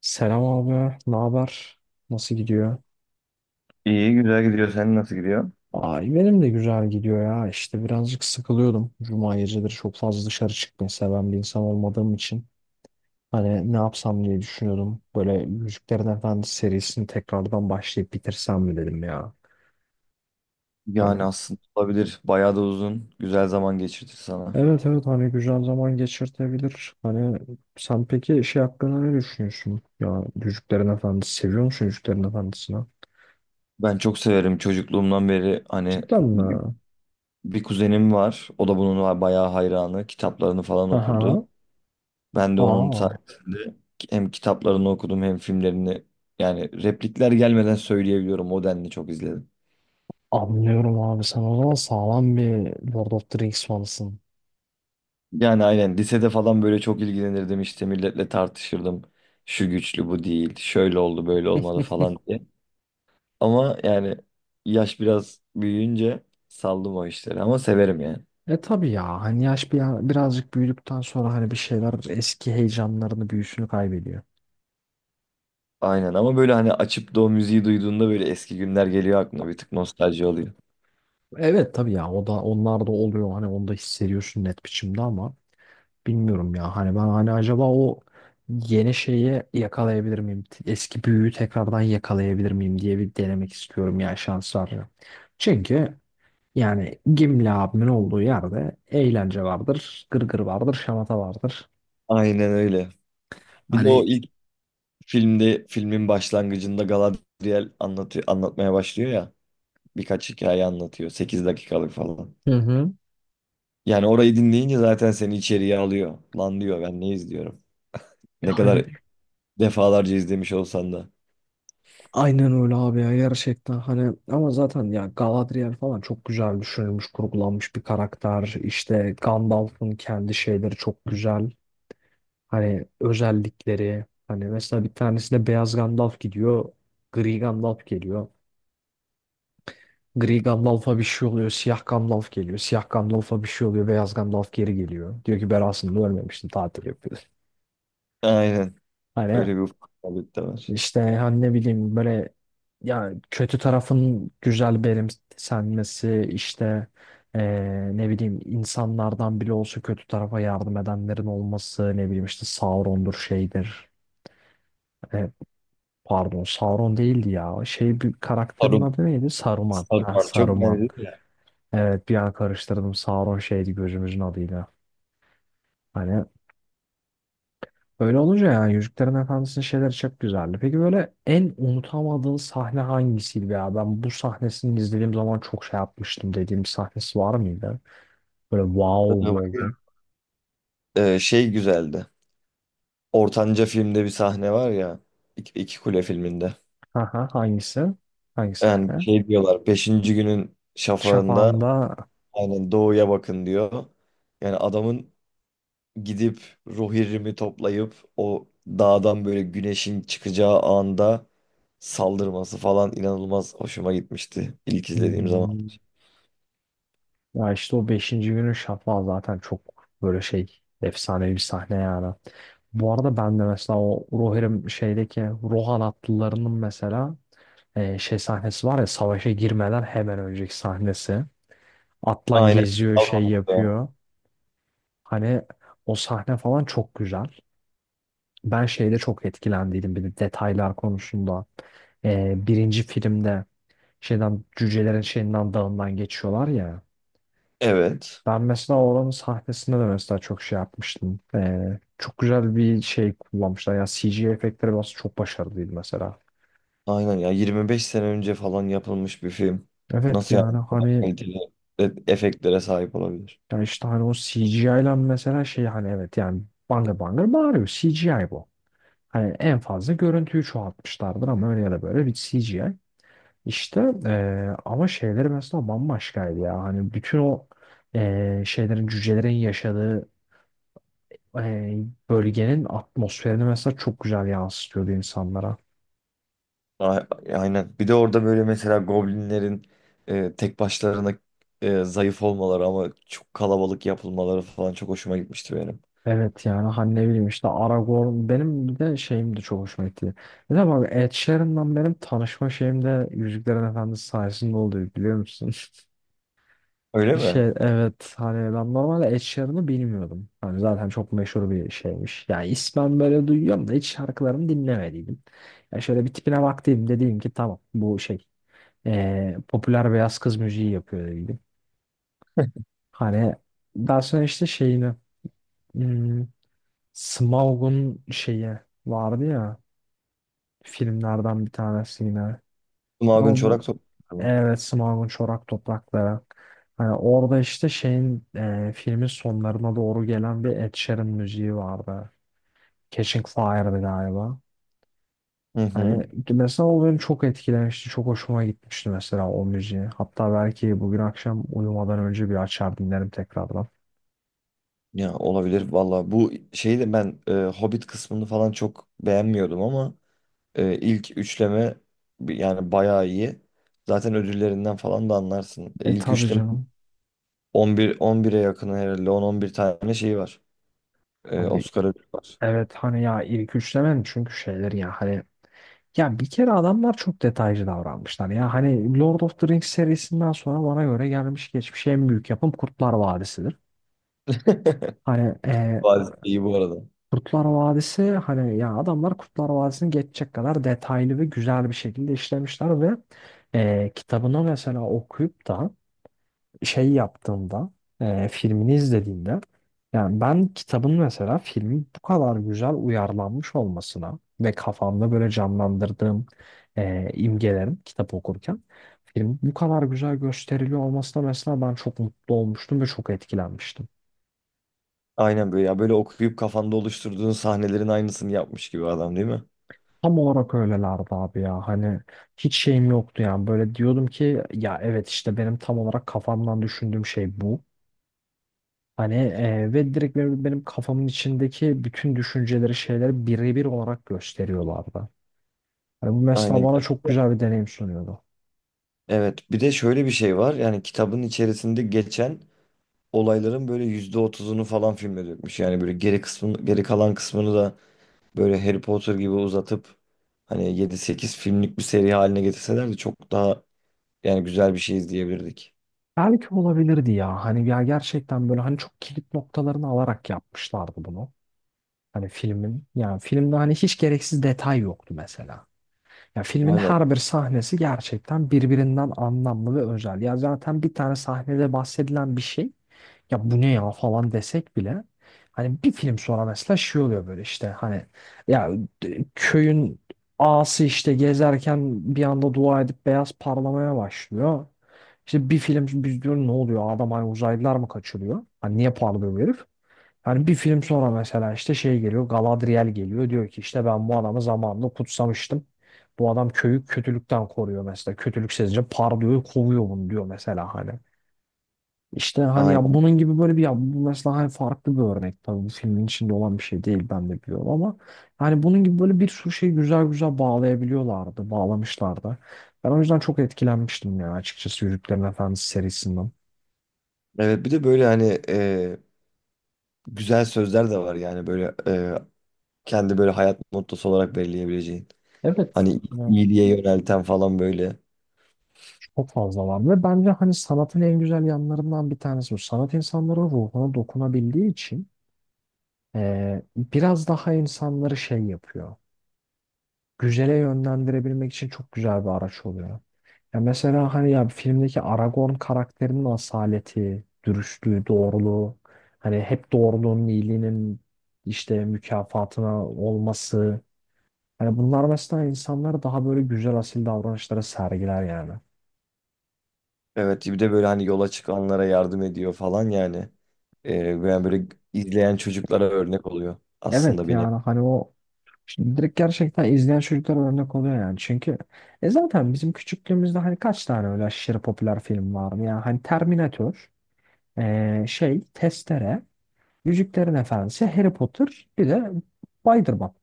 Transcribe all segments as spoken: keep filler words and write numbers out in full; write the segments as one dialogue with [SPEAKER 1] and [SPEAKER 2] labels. [SPEAKER 1] Selam abi, ne haber? Nasıl gidiyor?
[SPEAKER 2] İyi güzel gidiyor. Sen nasıl gidiyor?
[SPEAKER 1] Ay benim de güzel gidiyor ya. İşte birazcık sıkılıyordum. Cuma geceleri çok fazla dışarı çıkmayı seven bir insan olmadığım için. Hani ne yapsam diye düşünüyordum. Böyle Müziklerin Efendisi serisini tekrardan başlayıp bitirsem mi dedim ya.
[SPEAKER 2] Yani
[SPEAKER 1] Hani
[SPEAKER 2] aslında olabilir. Bayağı da uzun. Güzel zaman geçirdi sana.
[SPEAKER 1] evet evet, hani güzel zaman geçirtebilir. Hani sen peki şey hakkında ne düşünüyorsun? Ya Yüzüklerin Efendisi seviyor musun Yüzüklerin Efendisi'ni?
[SPEAKER 2] Ben çok severim çocukluğumdan beri hani
[SPEAKER 1] Cidden
[SPEAKER 2] bir
[SPEAKER 1] mi?
[SPEAKER 2] bir kuzenim var. O da bunun var bayağı hayranı. Kitaplarını falan
[SPEAKER 1] Aha.
[SPEAKER 2] okurdu. Ben de onun
[SPEAKER 1] Aa.
[SPEAKER 2] sayesinde hem kitaplarını okudum hem filmlerini yani replikler gelmeden söyleyebiliyorum. O denli çok izledim.
[SPEAKER 1] Anlıyorum abi, sen o zaman sağlam bir Lord of the Rings fanısın.
[SPEAKER 2] Yani aynen lisede falan böyle çok ilgilenirdim, işte milletle tartışırdım. Şu güçlü bu değil. Şöyle oldu, böyle olmalı falan diye. Ama yani yaş biraz büyüyünce saldım o işleri ama severim yani.
[SPEAKER 1] E tabii ya, hani yaş bir, birazcık büyüdükten sonra hani bir şeyler eski heyecanlarını, büyüsünü kaybediyor.
[SPEAKER 2] Aynen, ama böyle hani açıp da o müziği duyduğunda böyle eski günler geliyor aklına, bir tık nostalji oluyor.
[SPEAKER 1] Evet tabii ya, o da, onlar da oluyor, hani onu da hissediyorsun net biçimde ama bilmiyorum ya, hani ben hani acaba o yeni şeyi yakalayabilir miyim, eski büyüyü tekrardan yakalayabilir miyim diye bir denemek istiyorum ya, şans var ya. Çünkü yani Gimli abimin olduğu yerde eğlence vardır, gırgır vardır, şamata vardır.
[SPEAKER 2] Aynen öyle. Bir de o
[SPEAKER 1] Hani
[SPEAKER 2] ilk filmde, filmin başlangıcında Galadriel anlatıyor, anlatmaya başlıyor ya. Birkaç hikaye anlatıyor, sekiz dakikalık falan.
[SPEAKER 1] Hı hı.
[SPEAKER 2] Yani orayı dinleyince zaten seni içeriye alıyor. Lan diyor, ben ne izliyorum. Ne
[SPEAKER 1] hani
[SPEAKER 2] kadar defalarca izlemiş olsan da.
[SPEAKER 1] aynen öyle abi ya, gerçekten hani, ama zaten ya Galadriel falan çok güzel düşünülmüş, kurgulanmış bir karakter. İşte Gandalf'ın kendi şeyleri çok güzel. Hani özellikleri, hani mesela bir tanesine beyaz Gandalf gidiyor, gri Gandalf geliyor. Gri Gandalf'a bir şey oluyor. Siyah Gandalf geliyor. Siyah Gandalf'a bir şey oluyor. Beyaz Gandalf geri geliyor. Diyor ki ben aslında ölmemiştim. Tatil yapıyor.
[SPEAKER 2] Aynen.
[SPEAKER 1] Hani
[SPEAKER 2] Öyle bir ufaklık da var.
[SPEAKER 1] işte hani ne bileyim, böyle ya kötü tarafın güzel benimsenmesi, işte eee, ne bileyim insanlardan bile olsa kötü tarafa yardım edenlerin olması, ne bileyim işte Sauron'dur, şeydir. E, Pardon, Sauron değildi ya. Şey, bir karakterin adı neydi? Saruman. Ha,
[SPEAKER 2] Satranç çok
[SPEAKER 1] Saruman.
[SPEAKER 2] benziyor ya.
[SPEAKER 1] Evet, bir an karıştırdım. Sauron şeydi, gözümüzün adıyla. Hani öyle olunca yani Yüzüklerin Efendisi'nin şeyleri çok güzeldi. Peki böyle en unutamadığın sahne hangisiydi ya? Ben bu sahnesini izlediğim zaman çok şey yapmıştım dediğim bir sahnesi var mıydı? Böyle wow
[SPEAKER 2] Tabii bu-
[SPEAKER 1] oldum.
[SPEAKER 2] Ee, şey güzeldi. Ortanca filmde bir sahne var ya. İki, İki Kule filminde.
[SPEAKER 1] Aha, hangisi? Hangi
[SPEAKER 2] Yani
[SPEAKER 1] sahne?
[SPEAKER 2] şey diyorlar. Beşinci günün şafağında
[SPEAKER 1] Şafağında.
[SPEAKER 2] aynen doğuya bakın diyor. Yani adamın gidip ruh irimi toplayıp o dağdan böyle güneşin çıkacağı anda saldırması falan inanılmaz hoşuma gitmişti ilk izlediğim zaman.
[SPEAKER 1] hmm, Ya işte o beşinci günün şafağı zaten çok böyle şey, efsanevi bir sahne yani. Bu arada ben de mesela o Rohirrim şeydeki Rohan atlılarının mesela e, şey sahnesi var ya, savaşa girmeden hemen önceki sahnesi. Atlan
[SPEAKER 2] Aynen.
[SPEAKER 1] geziyor, şey
[SPEAKER 2] Kalmamıştı.
[SPEAKER 1] yapıyor. Hani O sahne falan çok güzel. Ben şeyde çok etkilendiydim bir de, detaylar konusunda. E, birinci filmde şeyden cücelerin şeyinden dağından geçiyorlar ya.
[SPEAKER 2] Evet.
[SPEAKER 1] Ben mesela oranın sahnesinde de mesela çok şey yapmıştım. E, çok güzel bir şey kullanmışlar. Yani C G I efektleri biraz çok başarılıydı mesela.
[SPEAKER 2] Aynen ya, yirmi beş sene önce falan yapılmış bir film.
[SPEAKER 1] Evet
[SPEAKER 2] Nasıl yani
[SPEAKER 1] yani
[SPEAKER 2] bu kadar
[SPEAKER 1] hani
[SPEAKER 2] kaliteli e- efektlere sahip olabilir?
[SPEAKER 1] Ya işte hani o C G I ile mesela şey, hani evet yani bangır bangır bağırıyor. C G I bu. Hani en fazla görüntüyü çoğaltmışlardır ama öyle ya da böyle bir C G I. İşte eee, ama şeyleri mesela bambaşkaydı ya. Hani bütün o eee, şeylerin, cücelerin yaşadığı eee, bölgenin atmosferini mesela çok güzel yansıtıyordu insanlara.
[SPEAKER 2] A- Aynen. Bir de orada böyle mesela goblinlerin e, tek başlarına e, zayıf olmaları ama çok kalabalık yapılmaları falan çok hoşuma gitmişti benim.
[SPEAKER 1] Evet yani hani ne bileyim, işte Aragorn benim bir de şeyim de çok hoşuma gitti. Bir de bak, Ed Sheeran'la benim tanışma şeyim de Yüzüklerin Efendisi sayesinde oldu, biliyor musun?
[SPEAKER 2] Öyle
[SPEAKER 1] Şey,
[SPEAKER 2] mi?
[SPEAKER 1] evet hani ben normalde Ed Sheeran'ı bilmiyordum. Hani zaten çok meşhur bir şeymiş. Yani ismen böyle duyuyorum da hiç şarkılarını dinlemediydim. Ya şöyle bir tipine baktım, dedim ki tamam bu şey eee, popüler beyaz kız müziği yapıyor dedim. Hani daha sonra işte şeyini, hmm, Smaug'un şeyi vardı ya, filmlerden bir tanesi yine. Ama
[SPEAKER 2] Magun Çorak
[SPEAKER 1] bu,
[SPEAKER 2] Toprakları mı?
[SPEAKER 1] evet, Smaug'un çorak toprakları. Hani orada işte şeyin, e, filmin sonlarına doğru gelen bir Ed Sheeran müziği vardı. Catching Fire'dı galiba.
[SPEAKER 2] Hı hı.
[SPEAKER 1] Hani mesela o beni çok etkilemişti. Çok hoşuma gitmişti mesela o müziği. Hatta belki bugün akşam uyumadan önce bir açar dinlerim tekrardan.
[SPEAKER 2] Ya olabilir valla. Bu şeyi de ben e, Hobbit kısmını falan çok beğenmiyordum ama Ee, ilk üçleme bi- yani bayağı iyi. Zaten ödüllerinden falan da anlarsın. Ee,
[SPEAKER 1] E
[SPEAKER 2] İlk
[SPEAKER 1] tabii
[SPEAKER 2] üçleme
[SPEAKER 1] canım.
[SPEAKER 2] on bir on bire yakın herhalde, on on bir tane şey var. Ee,
[SPEAKER 1] Abi
[SPEAKER 2] Oscar ödülü var.
[SPEAKER 1] evet hani ya ilk üçlemen çünkü şeyler ya hani. Ya bir kere adamlar çok detaycı davranmışlar. Ya hani Lord of the Rings serisinden sonra bana göre gelmiş geçmiş en büyük yapım Kurtlar Vadisi'dir. Hani e,
[SPEAKER 2] Bazı iyi bu arada.
[SPEAKER 1] Kurtlar Vadisi, hani ya adamlar Kurtlar Vadisi'ni geçecek kadar detaylı ve güzel bir şekilde işlemişler ve e, kitabını mesela okuyup da şey yaptığımda, e, filmini izlediğimde, yani ben kitabın mesela filmi bu kadar güzel uyarlanmış olmasına ve kafamda böyle canlandırdığım e, imgelerin, kitap okurken film bu kadar güzel gösteriliyor olmasına mesela ben çok mutlu olmuştum ve çok etkilenmiştim.
[SPEAKER 2] Aynen, böyle ya, böyle okuyup kafanda oluşturduğun sahnelerin aynısını yapmış gibi adam, değil mi?
[SPEAKER 1] Tam olarak öylelerdi abi ya, hani hiç şeyim yoktu yani, böyle diyordum ki ya evet işte benim tam olarak kafamdan düşündüğüm şey bu. Hani e, ve direkt benim, benim kafamın içindeki bütün düşünceleri, şeyleri birebir olarak gösteriyorlardı. Hani bu mesela
[SPEAKER 2] Aynen.
[SPEAKER 1] bana çok güzel bir deneyim sunuyordu.
[SPEAKER 2] Evet, bir de şöyle bir şey var, yani kitabın içerisinde geçen olayların böyle yüzde otuzunu falan filme dökmüş. Yani böyle geri kısmını, geri kalan kısmını da böyle Harry Potter gibi uzatıp hani yedi sekiz filmlik bir seri haline getirselerdi çok daha yani güzel bir şey izleyebilirdik.
[SPEAKER 1] Belki olabilirdi ya. Hani ya gerçekten böyle hani çok kilit noktalarını alarak yapmışlardı bunu. Hani filmin, yani filmde hani hiç gereksiz detay yoktu mesela. Ya filmin
[SPEAKER 2] Aynen.
[SPEAKER 1] her bir sahnesi gerçekten birbirinden anlamlı ve özel. Ya zaten bir tane sahnede bahsedilen bir şey, ya bu ne ya falan desek bile hani bir film sonra mesela şey oluyor, böyle işte hani ya d- köyün ağası işte gezerken bir anda dua edip beyaz parlamaya başlıyor. İşte bir film biz diyoruz ne oluyor, adam hani uzaylılar mı kaçırıyor? Hani niye parlıyor bu herif? Hani bir film sonra mesela işte şey geliyor, Galadriel geliyor diyor ki işte ben bu adamı zamanında kutsamıştım. Bu adam köyü kötülükten koruyor mesela. Kötülük sezince parlıyor, kovuyor bunu diyor mesela hani. İşte hani ya
[SPEAKER 2] Aynen.
[SPEAKER 1] bunun gibi böyle bir, ya bu mesela hani farklı bir örnek tabii, bu filmin içinde olan bir şey değil ben de biliyorum ama hani bunun gibi böyle bir sürü şeyi güzel güzel bağlayabiliyorlardı, bağlamışlardı. Ben o yüzden çok etkilenmiştim yani, açıkçası Yüzüklerin Efendisi serisinden.
[SPEAKER 2] Evet, bir de böyle hani e, güzel sözler de var, yani böyle e, kendi böyle hayat mottosu olarak belirleyebileceğin.
[SPEAKER 1] Evet.
[SPEAKER 2] Hani iyiliğe yönelten falan böyle.
[SPEAKER 1] Çok fazla var ve bence hani sanatın en güzel yanlarından bir tanesi bu. Sanat insanların ruhuna dokunabildiği için eee, biraz daha insanları şey yapıyor. Güzele yönlendirebilmek için çok güzel bir araç oluyor. Ya mesela hani ya filmdeki Aragorn karakterinin asaleti, dürüstlüğü, doğruluğu, hani hep doğruluğun, iyiliğinin işte mükafatına olması. Hani bunlar mesela insanları daha böyle güzel asil davranışlara sergiler yani.
[SPEAKER 2] Evet, bir de böyle hani yola çıkanlara yardım ediyor falan yani. E, yani böyle izleyen çocuklara örnek oluyor aslında,
[SPEAKER 1] Evet
[SPEAKER 2] bir nevi.
[SPEAKER 1] yani hani o Şimdi direkt gerçekten izleyen çocuklar örnek oluyor yani. Çünkü e zaten bizim küçüklüğümüzde hani kaç tane öyle aşırı popüler film vardı yani. Hani Terminator, e, şey, Testere, Yüzüklerin Efendisi, Harry Potter, bir de Spider-Man.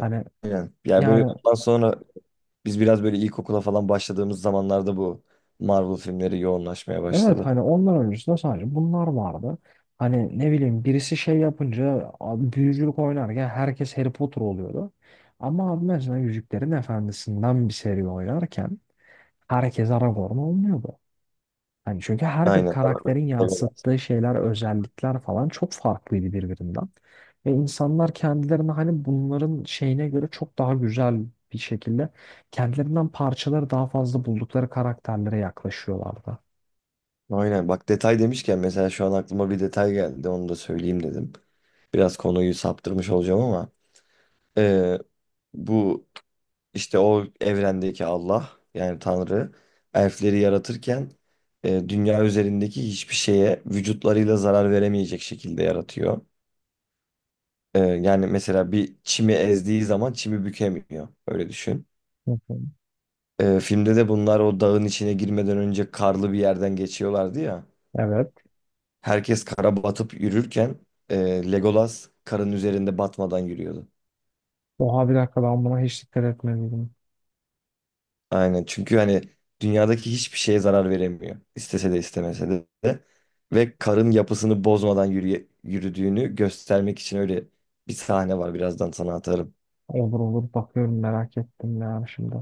[SPEAKER 1] Hani
[SPEAKER 2] Yani böyle
[SPEAKER 1] yani
[SPEAKER 2] ondan sonra biz biraz böyle ilkokula falan başladığımız zamanlarda bu Marvel filmleri yoğunlaşmaya
[SPEAKER 1] evet
[SPEAKER 2] başladı.
[SPEAKER 1] hani onlar öncesinde sadece bunlar vardı. Hani ne bileyim, birisi şey yapınca abi, büyücülük oynarken herkes Harry Potter oluyordu. Ama abi mesela Yüzüklerin Efendisi'nden bir seri oynarken herkes Aragorn olmuyordu. Hani çünkü her bir
[SPEAKER 2] Aynen. Arabayı
[SPEAKER 1] karakterin
[SPEAKER 2] seviyorlar.
[SPEAKER 1] yansıttığı şeyler, özellikler falan çok farklıydı birbirinden. Ve insanlar kendilerini hani bunların şeyine göre çok daha güzel bir şekilde kendilerinden parçaları daha fazla buldukları karakterlere yaklaşıyorlardı.
[SPEAKER 2] Aynen. Bak, detay demişken mesela şu an aklıma bir detay geldi. Onu da söyleyeyim dedim. Biraz konuyu saptırmış olacağım ama eee, bu işte, o evrendeki Allah, yani Tanrı, elfleri yaratırken eee, dünya üzerindeki hiçbir şeye vücutlarıyla zarar veremeyecek şekilde yaratıyor. Eee, yani mesela bir çimi ezdiği zaman çimi bükemiyor. Öyle düşün.
[SPEAKER 1] Hı hı.
[SPEAKER 2] Ee, filmde de bunlar o dağın içine girmeden önce karlı bir yerden geçiyorlardı ya.
[SPEAKER 1] Evet.
[SPEAKER 2] Herkes kara batıp yürürken e, Legolas karın üzerinde batmadan yürüyordu.
[SPEAKER 1] Oha bir dakika, ben buna hiç dikkat etmedim.
[SPEAKER 2] Aynen, çünkü hani dünyadaki hiçbir şeye zarar veremiyor. İstese de istemese de. Ve karın yapısını bozmadan yürüye- yürüdüğünü göstermek için öyle bir sahne var. Birazdan sana atarım.
[SPEAKER 1] Olur olur, bakıyorum, merak ettim yani şimdi.